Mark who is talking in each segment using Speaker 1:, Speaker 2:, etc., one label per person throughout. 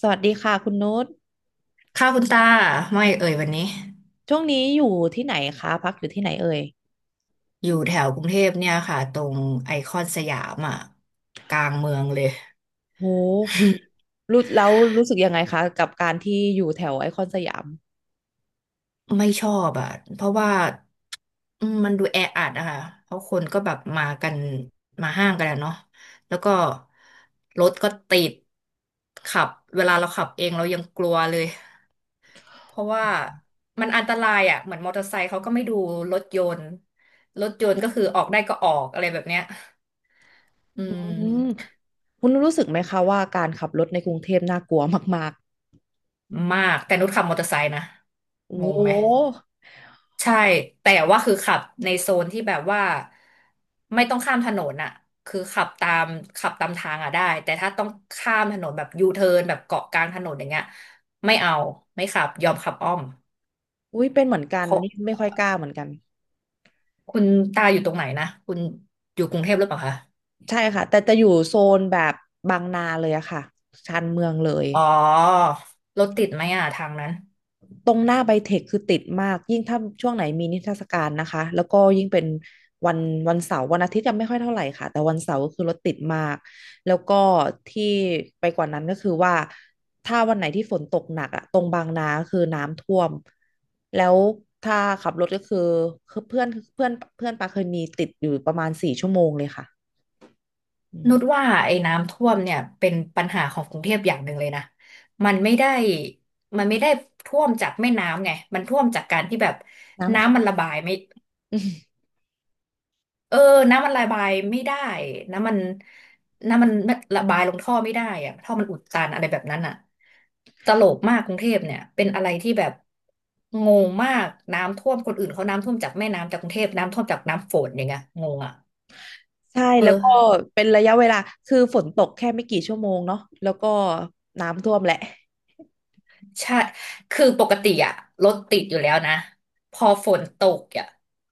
Speaker 1: สวัสดีค่ะคุณนุช
Speaker 2: ค่ะคุณตาไม่เอ่ยวันนี้
Speaker 1: ช่วงนี้อยู่ที่ไหนคะพักอยู่ที่ไหนเอ่ย
Speaker 2: อยู่แถวกรุงเทพเนี่ยค่ะตรงไอคอนสยามอ่ะกลางเมืองเลย
Speaker 1: โหรู้แล้วรู้สึกยังไงคะกับการที่อยู่แถวไอคอนสยาม
Speaker 2: ไม่ชอบอ่ะเพราะว่ามันดูแออัดอะค่ะเพราะคนก็แบบมากันมาห้างกันอะเนาะแล้วก็รถก็ติดขับเวลาเราขับเองเรายังกลัวเลยเพราะว่ามันอันตรายอ่ะเหมือนมอเตอร์ไซค์เขาก็ไม่ดูรถยนต์รถยนต์ก็คือออกได้ก็ออกอะไรแบบเนี้ยอื
Speaker 1: อื
Speaker 2: ม
Speaker 1: มคุณรู้สึกไหมคะว่าการขับรถในกรุงเทพน่ากลัวมาก
Speaker 2: มากแต่นุชขับมอเตอร์ไซค์นะ
Speaker 1: ๆโอ้
Speaker 2: งง
Speaker 1: โห
Speaker 2: ไหมใช่แต่ว่าคือขับในโซนที่แบบว่าไม่ต้องข้ามถนนอะคือขับตามทางอะได้แต่ถ้าต้องข้ามถนนแบบยูเทิร์นแบบเกาะกลางถนนอย่างเงี้ยไม่เอาไม่ขับยอมขับอ้อม
Speaker 1: อุ้ยเป็นเหมือนกั
Speaker 2: เพ
Speaker 1: น
Speaker 2: ราะ
Speaker 1: นี่ไม่ค่อยกล้าเหมือนกัน
Speaker 2: คุณตาอยู่ตรงไหนนะคุณอยู่กรุงเทพหรือเปล่าคะ
Speaker 1: ใช่ค่ะแต่จะอยู่โซนแบบบางนาเลยอะค่ะชานเมืองเลย
Speaker 2: อ๋อรถติดไหมอะทางนั้น
Speaker 1: ตรงหน้าไบเทคคือติดมากยิ่งถ้าช่วงไหนมีนิทรรศการนะคะแล้วก็ยิ่งเป็นวันวันเสาร์วันอาทิตย์ยัไม่ค่อยเท่าไหร่ค่ะแต่วันเสาร์ก็คือรถติดมากแล้วก็ที่ไปกว่านั้นก็คือว่าถ้าวันไหนที่ฝนตกหนักอะตรงบางนาคือน้ำท่วมแล้วถ้าขับรถก็คือคือเพื่อนปาเคยมีติดอยู่ประมาณสี่ชั่วโมงเลยค่ะอืม
Speaker 2: นุชว่าไอ้น้ำท่วมเนี่ยเป็นปัญหาของกรุงเทพอย่างหนึ่งเลยนะมันไม่ได้มันไม่ได้ท่วมจากแม่น้ำไงมันท่วมจากการที่แบบ
Speaker 1: น้ำขัง
Speaker 2: น้ำมันระบายไม่ เออน้ำมันระบายไม่ได้น้ำมันน้ำมันระบายลงท่อไม่ได้อะท่อมันอุดตันอะไรแบบนั้นอะตลกมากกรุงเทพเนี่ยเป็นอะไรที่แบบงงมากน้ำท่วมคนอื่นเขาน้ำท่วมจากแม่น้ำจากกรุงเทพน้ำท่วมจากน้ำฝนอย่างเงี้ยงงอะ
Speaker 1: ใช่
Speaker 2: เออ
Speaker 1: แล้วก็เป็นระยะเวลาคือฝนตกแค่ไม่กี่ชั่วโมงเนาะแล้วก็น้ำท่วมแหละ
Speaker 2: ใช่คือปกติอะรถติดอยู่แล้วนะพอฝนตกอะ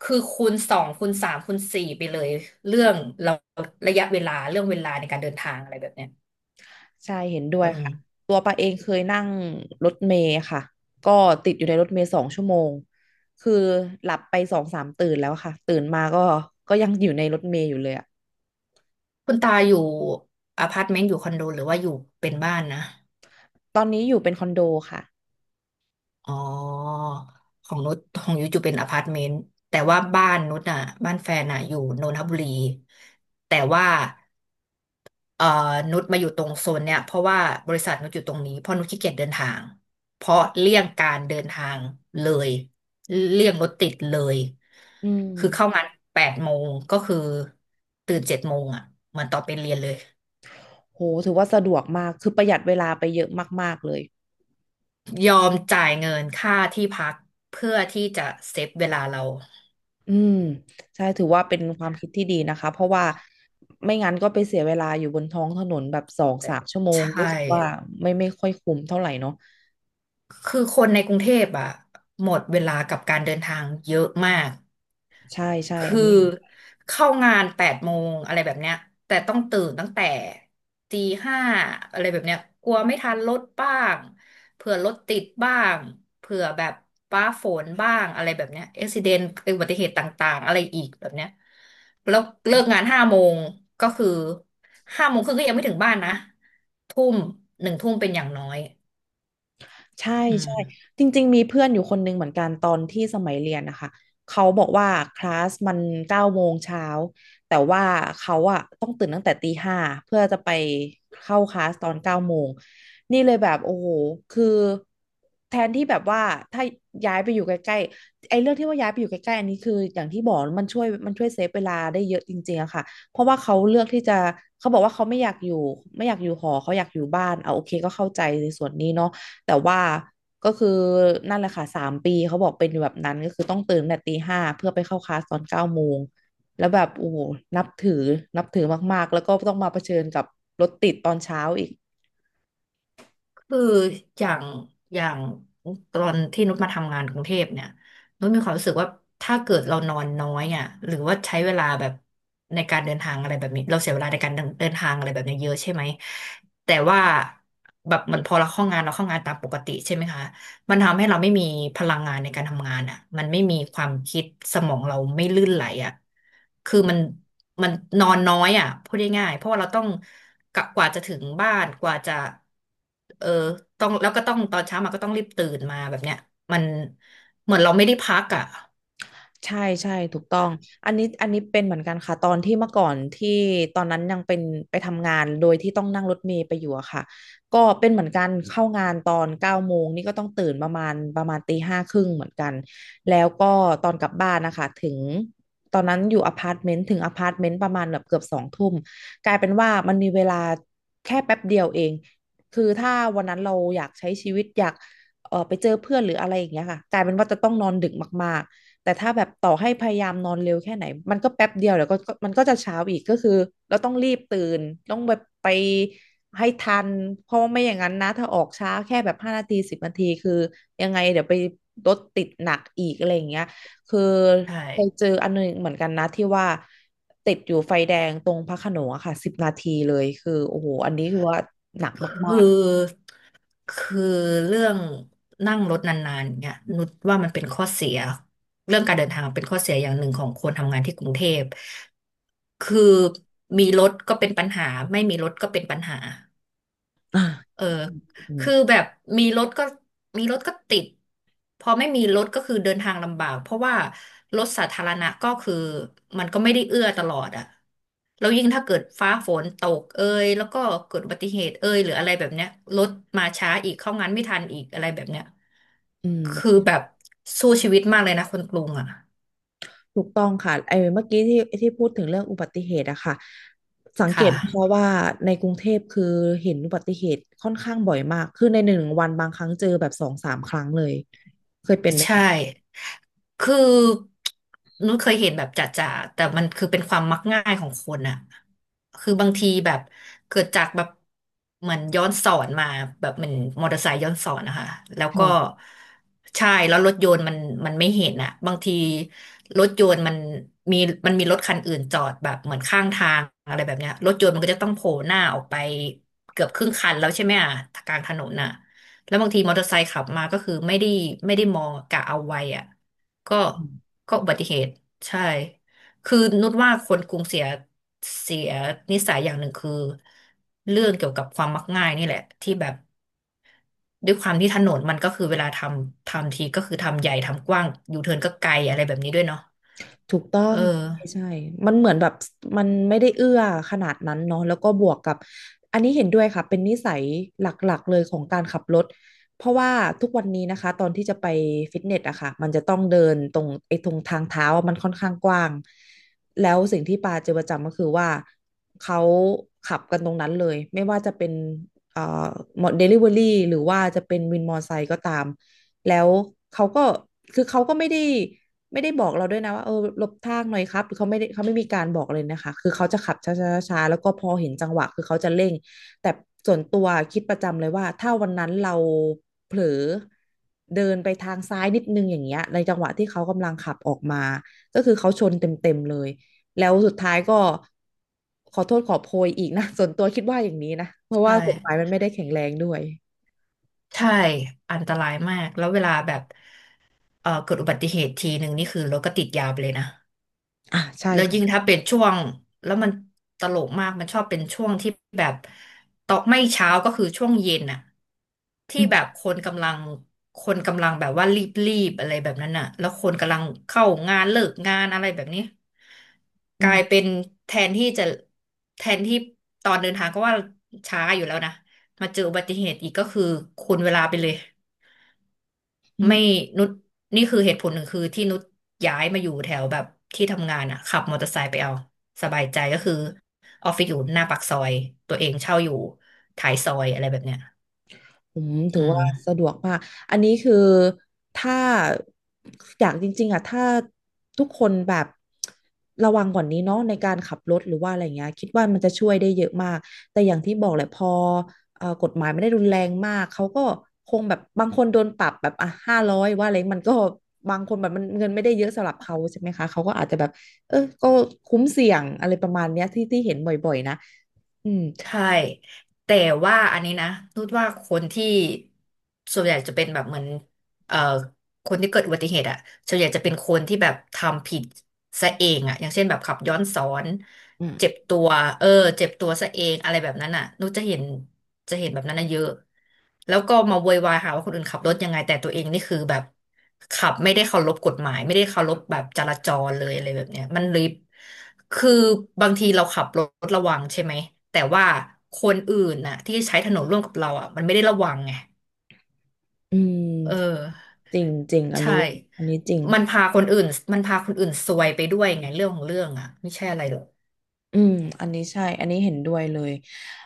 Speaker 2: คือคูณสองคูณสามคูณสี่ไปเลยเรื่องเราระยะเวลาเรื่องเวลาในการเดินทางอะไรแบบเนี้ย
Speaker 1: ใช่เห็นด้ว
Speaker 2: อื
Speaker 1: ยค่ะ
Speaker 2: ม
Speaker 1: ตัวปาเองเคยนั่งรถเมล์ค่ะก็ติดอยู่ในรถเมล์สองชั่วโมงคือหลับไปสองสามตื่นแล้วค่ะตื่นมาก็ก็ยังอยู่ในรถเมล์อยู่เลยอะ
Speaker 2: คุณตาอยู่อพาร์ตเมนต์อยู่คอนโดหรือว่าอยู่เป็นบ้านนะ
Speaker 1: ตอนนี้อยู่เป็นคอนโดค่ะ
Speaker 2: อ๋อของนุชของยุ้ยอยู่เป็นอพาร์ตเมนต์แต่ว่าบ้านนุชอ่ะบ้านแฟนอ่ะอยู่นนทบุรีแต่ว่า เอ่อนุชมาอยู่ตรงโซนเนี่ยเพราะว่าบริษัทนุชอยู่ตรงนี้เพราะนุชขี้เกียจเดินทางเพราะเลี่ยงการเดินทางเลยเลี่ยงรถติดเลย
Speaker 1: อื
Speaker 2: คือเข้า
Speaker 1: ม
Speaker 2: งานแปดโมงก็คือตื่นเจ็ดโมงอ่ะเหมือนตอนไปเรียนเลย
Speaker 1: โหถือว่าสะดวกมากคือประหยัดเวลาไปเยอะมากๆเลย
Speaker 2: ยอมจ่ายเงินค่าที่พักเพื่อที่จะเซฟเวลาเรา
Speaker 1: อืมใช่ถือว่าเป็นความคิดที่ดีนะคะเพราะว่าไม่งั้นก็ไปเสียเวลาอยู่บนท้องถนนแบบสองสามชั่วโม
Speaker 2: ใช
Speaker 1: ง
Speaker 2: ่
Speaker 1: รู้สึกว่าไม่ค่อยคุ้มเท่าไหร่เนาะ
Speaker 2: คือคนในกรุงเทพอ่ะหมดเวลากับการเดินทางเยอะมาก
Speaker 1: ใช่ใช่อั
Speaker 2: คือ
Speaker 1: นนี้
Speaker 2: เข้างานแปดโมงอะไรแบบเนี้ยแต่ต้องตื่นตั้งแต่ตีห้าอะไรแบบเนี้ยกลัวไม่ทันรถบ้างเผื่อรถติดบ้างเผื่อแบบฟ้าฝนบ้างอะไรแบบเนี้ยอุบัติเหตุต่างๆอะไรอีกแบบเนี้ยแล้วเลิกงานห้าโมงก็คือห้าโมงครึ่งก็ยังไม่ถึงบ้านนะทุ่มหนึ่งทุ่มเป็นอย่างน้อย
Speaker 1: ใช่
Speaker 2: อื
Speaker 1: ใช่
Speaker 2: ม
Speaker 1: จริงๆมีเพื่อนอยู่คนหนึ่งเหมือนกันตอนที่สมัยเรียนนะคะเขาบอกว่าคลาสมันเก้าโมงเช้าแต่ว่าเขาอะต้องตื่นตั้งแต่ตีห้าเพื่อจะไปเข้าคลาสตอนเก้าโมงนี่เลยแบบโอ้โหคือแทนที่แบบว่าถ้าย้ายไปอยู่ใกล้ๆไอ้เรื่องที่ว่าย้ายไปอยู่ใกล้ๆอันนี้คืออย่างที่บอกมันช่วยเซฟเวลาได้เยอะจริงๆอะค่ะเพราะว่าเขาเลือกที่จะเขาบอกว่าเขาไม่อยากอยู่ไม่อยากอยู่หอเขาอยากอยู่บ้านเอาโอเคก็เข้าใจในส่วนนี้เนาะ แต่ว่าก็คือนั่นแหละค่ะสามปีเขาบอกเป็นแบบนั้นก็คือต้องตื่นแต่ตีห้าเพื่อไปเข้าคลาสตอนเก้าโมงแล้วแบบโอ้โหนับถือนับถือมากๆแล้วก็ต้องมาเผชิญกับรถติดตอนเช้าอีก
Speaker 2: คืออย่างอย่างตอนที่นุชมาทำงานกรุงเทพเนี่ยนุชมีความรู้สึกว่าถ้าเกิดเรานอนน้อยอ่ะหรือว่าใช้เวลาแบบในการเดินทางอะไรแบบนี้เราเสียเวลาในการเดินเดินทางอะไรแบบนี้เยอะใช่ไหมแต่ว่าแบบเหมือนพอเราเข้างานเราเข้างานตามปกติใช่ไหมคะ มันทำให้เราไม่มีพลังงานในการทำงานอ่ะมันไม่มีความคิดสมองเราไม่ลื่นไหลอ่ะคือมันนอนน้อยอ่ะพูดง่ายๆเพราะว่าเราต้องกะกว่าจะถึงบ้านกว่าจะเออต้องแล้วก็ต้องตอนเช้ามาก็ต้องรีบตื่นมาแบบเนี้ยมันเหมือนเราไม่ได้พักอ่ะ
Speaker 1: ใช่ใช่ถูกต้องอันนี้เป็นเหมือนกันค่ะตอนที่เมื่อก่อนที่ตอนนั้นยังเป็นไปทำงานโดยที่ต้องนั่งรถเมล์ไปอยู่อะค่ะก็เป็นเหมือนกันเข้างานตอนเก้าโมงนี่ก็ต้องตื่นประมาณตีห้าครึ่งเหมือนกันแล้วก็ตอนกลับบ้านนะคะถึงตอนนั้นอยู่อพาร์ตเมนต์ถึงอพาร์ตเมนต์ประมาณแบบเกือบสองทุ่มกลายเป็นว่ามันมีเวลาแค่แป๊บเดียวเอง คือถ้าวันนั้นเราอยากใช้ชีวิตอยากไปเจอเพื่อนหรืออะไรอย่างเงี้ยค่ะกลายเป็นว่าจะต้องนอนดึกมาก แต่ถ้าแบบต่อให้พยายามนอนเร็วแค่ไหนมันก็แป๊บเดียวแล้วก็ก็มันก็จะเช้าอีกก็คือเราต้องรีบตื่นต้องแบบไปให้ทันเพราะว่าไม่อย่างนั้นนะถ้าออกช้าแค่แบบห้านาทีสิบนาทีคือยังไงเดี๋ยวไปรถติดหนักอีกอะไรอย่างเงี้ยคือ
Speaker 2: ใช่
Speaker 1: เคยเจออันหนึงเหมือนกันนะที่ว่าติดอยู่ไฟแดงตรงพระโขนงอะค่ะสิบนาทีเลยคือโอ้โหอันนี้คือว่าหนักมา
Speaker 2: ค
Speaker 1: ก
Speaker 2: ือคือเรื่องนั่งรถนานๆเนี่ยนุชว่ามันเป็นข้อเสียเรื่องการเดินทางเป็นข้อเสียอย่างหนึ่งของคนทำงานที่กรุงเทพ คือมีรถก็เป็นปัญหาไม่มีรถก็เป็นปัญหา
Speaker 1: ๆอ่า
Speaker 2: เออ
Speaker 1: อื
Speaker 2: คือ
Speaker 1: ม
Speaker 2: แบบมีรถก็มีรถก็ติดพอไม่มีรถก็คือเดินทางลำบากเพราะว่ารถสาธารณะก็คือมันก็ไม่ได้เอื้อตลอดอะแล้วยิ่งถ้าเกิดฟ้าฝนตกเอยแล้วก็เกิดอุบัติเหตุเอยหรืออะไรแบบเนี้ยรถมาช้าอีกเข้างานไม่ทันอีกอะไรแบบเนี้ย
Speaker 1: อื
Speaker 2: คือ
Speaker 1: ม
Speaker 2: แบบสู้ชีวิตมากเลยนะคนกรุงอะ
Speaker 1: ถูกต้องค่ะไอ้เมื่อกี้ที่พูดถึงเรื่องอุบัติเหตุอะค่ะสังเก
Speaker 2: ค่ะ
Speaker 1: ตนะคะว่าในกรุงเทพคือเห็นอุบัติเหตุค่อนข้างบ่อยมากคือในหนึ่งวันบางครั้งเจอแบบสองสามครั้งเลยเคยเป็นไหม
Speaker 2: ใช่
Speaker 1: คะ
Speaker 2: คือนุ้ยเคยเห็นแบบจ่าๆแต่มันคือเป็นความมักง่ายของคนอะคือบางทีแบบเกิดจากแบบเหมือนย้อนสอนมาแบบเหมือนมอเตอร์ไซค์ย้อนสอนนะคะแล้วก็
Speaker 1: ค่ะ
Speaker 2: ใช่แล้วรถยนต์มันมันไม่เห็นอะบางทีรถยนต์มันมีมันมีรถคันอื่นจอดแบบเหมือนข้างทางอะไรแบบเนี้ยรถยนต์มันก็จะต้องโผล่หน้าออกไปเกือบครึ่งคันแล้วใช่ไหมอะกลางถนนอะ แล้วบางทีมอเตอร์ไซค์ขับมาก็คือไม่ได้มองกะเอาไว้อ่ะก็ก็อุบัติเหตุใช่คือนุชว่าคนกรุงเสียนิสัยอย่างหนึ่งคือเรื่องเกี่ยวกับความมักง่ายนี่แหละที่แบบด้วยความที่ถนนมันก็คือเวลาทำทีก็คือทำใหญ่ทำกว้างยูเทิร์นก็ไกลอะไรแบบนี้ด้วยเนาะ
Speaker 1: ถูกต้อ
Speaker 2: เอ
Speaker 1: ง
Speaker 2: อ
Speaker 1: ใช่ใช่ มันเหมือนแบบมันไม่ได้เอื้อขนาดนั้นเนาะแล้วก็บวกกับอันนี้เห็นด้วยค่ะเป็นนิสัยหลักๆเลยของการขับรถเพราะว่าทุกวันนี้นะคะตอนที่จะไปฟิตเนสอะค่ะมันจะต้องเดินตรงไอ้ตรงทางเท้าอะมันค่อนข้างกว้างแล้วสิ่งที่ปาเจอประจำก็คือว่าเขาขับกันตรงนั้นเลยไม่ว่าจะเป็นเอ่อเดลิเวอรี่หรือว่าจะเป็นวินมอเตอร์ไซค์ก็ตาม แล้วเขาก็คือเขาก็ไม่ได้บอกเราด้วยนะว่าเออหลบทางหน่อยครับือเขาไม่ได้เขาไม่มีการบอกเลยนะคะคือเขาจะขับช้าๆๆแล้วก็พอเห็นจังหวะคือเขาจะเร่งแต่ส่วนตัวคิดประจำเลยว่าถ้าวันนั้นเราเผลอเดินไปทางซ้ายนิดนึงอย่างเงี้ยในจังหวะที่เขากำลังขับออกมาก็คือเขาชนเต็มๆเลยแล้วสุดท้ายก็ขอโทษขอโพยอีกนะ ส่วนตัวคิดว่าอย่างนี้นะเพราะ
Speaker 2: ใช่
Speaker 1: ว่ากฎหมายมันไม่ได้แข็งแรงด้วย
Speaker 2: ใช่อันตรายมากแล้วเวลาแบบเออเกิดอุบัติเหตุทีหนึ่งนี่คือรถก็ติดยาวไปเลยนะ
Speaker 1: อ่ะใช่
Speaker 2: แล้วยิ่ง
Speaker 1: ค่ะ
Speaker 2: ถ้าเป็นช่วงแล้วมันตลกมากมันชอบเป็นช่วงที่แบบตอกไม่เช้าก็คือช่วงเย็นอะที่
Speaker 1: อื
Speaker 2: แบบ
Speaker 1: ม
Speaker 2: คนกำลังแบบว่ารีบๆอะไรแบบนั้นอะแล้วคนกำลังเข้างานเลิกงานอะไรแบบนี้ก
Speaker 1: อื
Speaker 2: ลายเป็
Speaker 1: ม
Speaker 2: นแทนที่จะแทนที่ตอนเดินทางก็ว่าช้าอยู่แล้วนะมาเจออุบัติเหตุอีกก็คือคูณเวลาไปเลย
Speaker 1: อื
Speaker 2: ไม่
Speaker 1: ม
Speaker 2: นุชนี่คือเหตุผลหนึ่งคือที่นุชย้ายมาอยู่แถวแบบที่ทำงานอ่ะขับมอเตอร์ไซค์ไปเอาสบายใจก็คือออฟฟิศอยู่หน้าปากซอยตัวเองเช่าอยู่ท้ายซอยอะไรแบบเนี้ย
Speaker 1: อืมถื
Speaker 2: อื
Speaker 1: อว่าสะ
Speaker 2: ม
Speaker 1: ดวกมาก อันนี้คือถ้าอยากจริงๆอ่ะถ้าทุกคนแบบระวังกว่านี้เนาะในการขับรถหรือว่าอะไรเงี้ยคิดว่ามันจะช่วยได้เยอะมากแต่อย่างที่บอกแหละพอกฎหมายไม่ได้รุนแรงมากเขาก็คงแบบบางคนโดนปรับแบบอ่ะห้าร้อยว่าอะไรมันก็บางคนแบบมันเงินไม่ได้เยอะสำหรับเขาใช่ไหมคะเขาก็อาจจะแบบเออก็คุ้มเสี่ยงอะไรประมาณเนี้ยที่เห็นบ่อยๆนะอืม
Speaker 2: ใช่แต่ว่าอันนี้นะนุชว่าคนที่ส่วนใหญ่จะเป็นแบบเหมือนเอ่อคนที่เกิดอุบัติเหตุอ่ะส่วนใหญ่จะเป็นคนที่แบบทำผิดซะเองอ่ะอย่างเช่นแบบขับย้อนสอน
Speaker 1: อืม
Speaker 2: เจ็บตัวเออเจ็บตัวซะเองอะไรแบบนั้นน่ะนุกจะเห็นแบบนั้นน่ะเยอะแล้วก็มาโวยวายหาว่าคนอื่นขับรถยังไงแต่ตัวเองนี่คือแบบขับไม่ได้เคารพกฎหมายไม่ได้เคารพแบบจราจรเลยอะไรแบบเนี้ยมันเลยคือบางทีเราขับรถระวังใช่ไหมแต่ว่าคนอื่นน่ะที่ใช้ถนนร่วมกับเราอ่ะมันไม่ได้ระวังไง
Speaker 1: อื
Speaker 2: เอ
Speaker 1: ม
Speaker 2: อ
Speaker 1: จริงจริงอัน
Speaker 2: ใช่
Speaker 1: นี้อันนี้จริง
Speaker 2: มัน
Speaker 1: ค่ะ
Speaker 2: พาคนอื่นมันพาคนอื่นซวยไปด้วยไงเรื่องของเรื่องอ่ะไม่ใช่อะไรหรอก
Speaker 1: อืม อันนี้ใช่ อันนี้เห็นด้วยเลย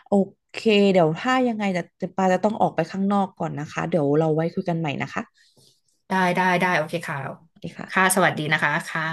Speaker 1: โอเค เดี๋ยวถ้ายังไงจะปาจะต้องออกไปข้างนอกก่อนนะคะ เดี๋ยวเราไว้คุยกันใหม่นะคะ
Speaker 2: ได้ได้ได้โอเคค่ะ
Speaker 1: สวัสดีค่ะ
Speaker 2: ค่ะสวัสดีนะคะค่ะ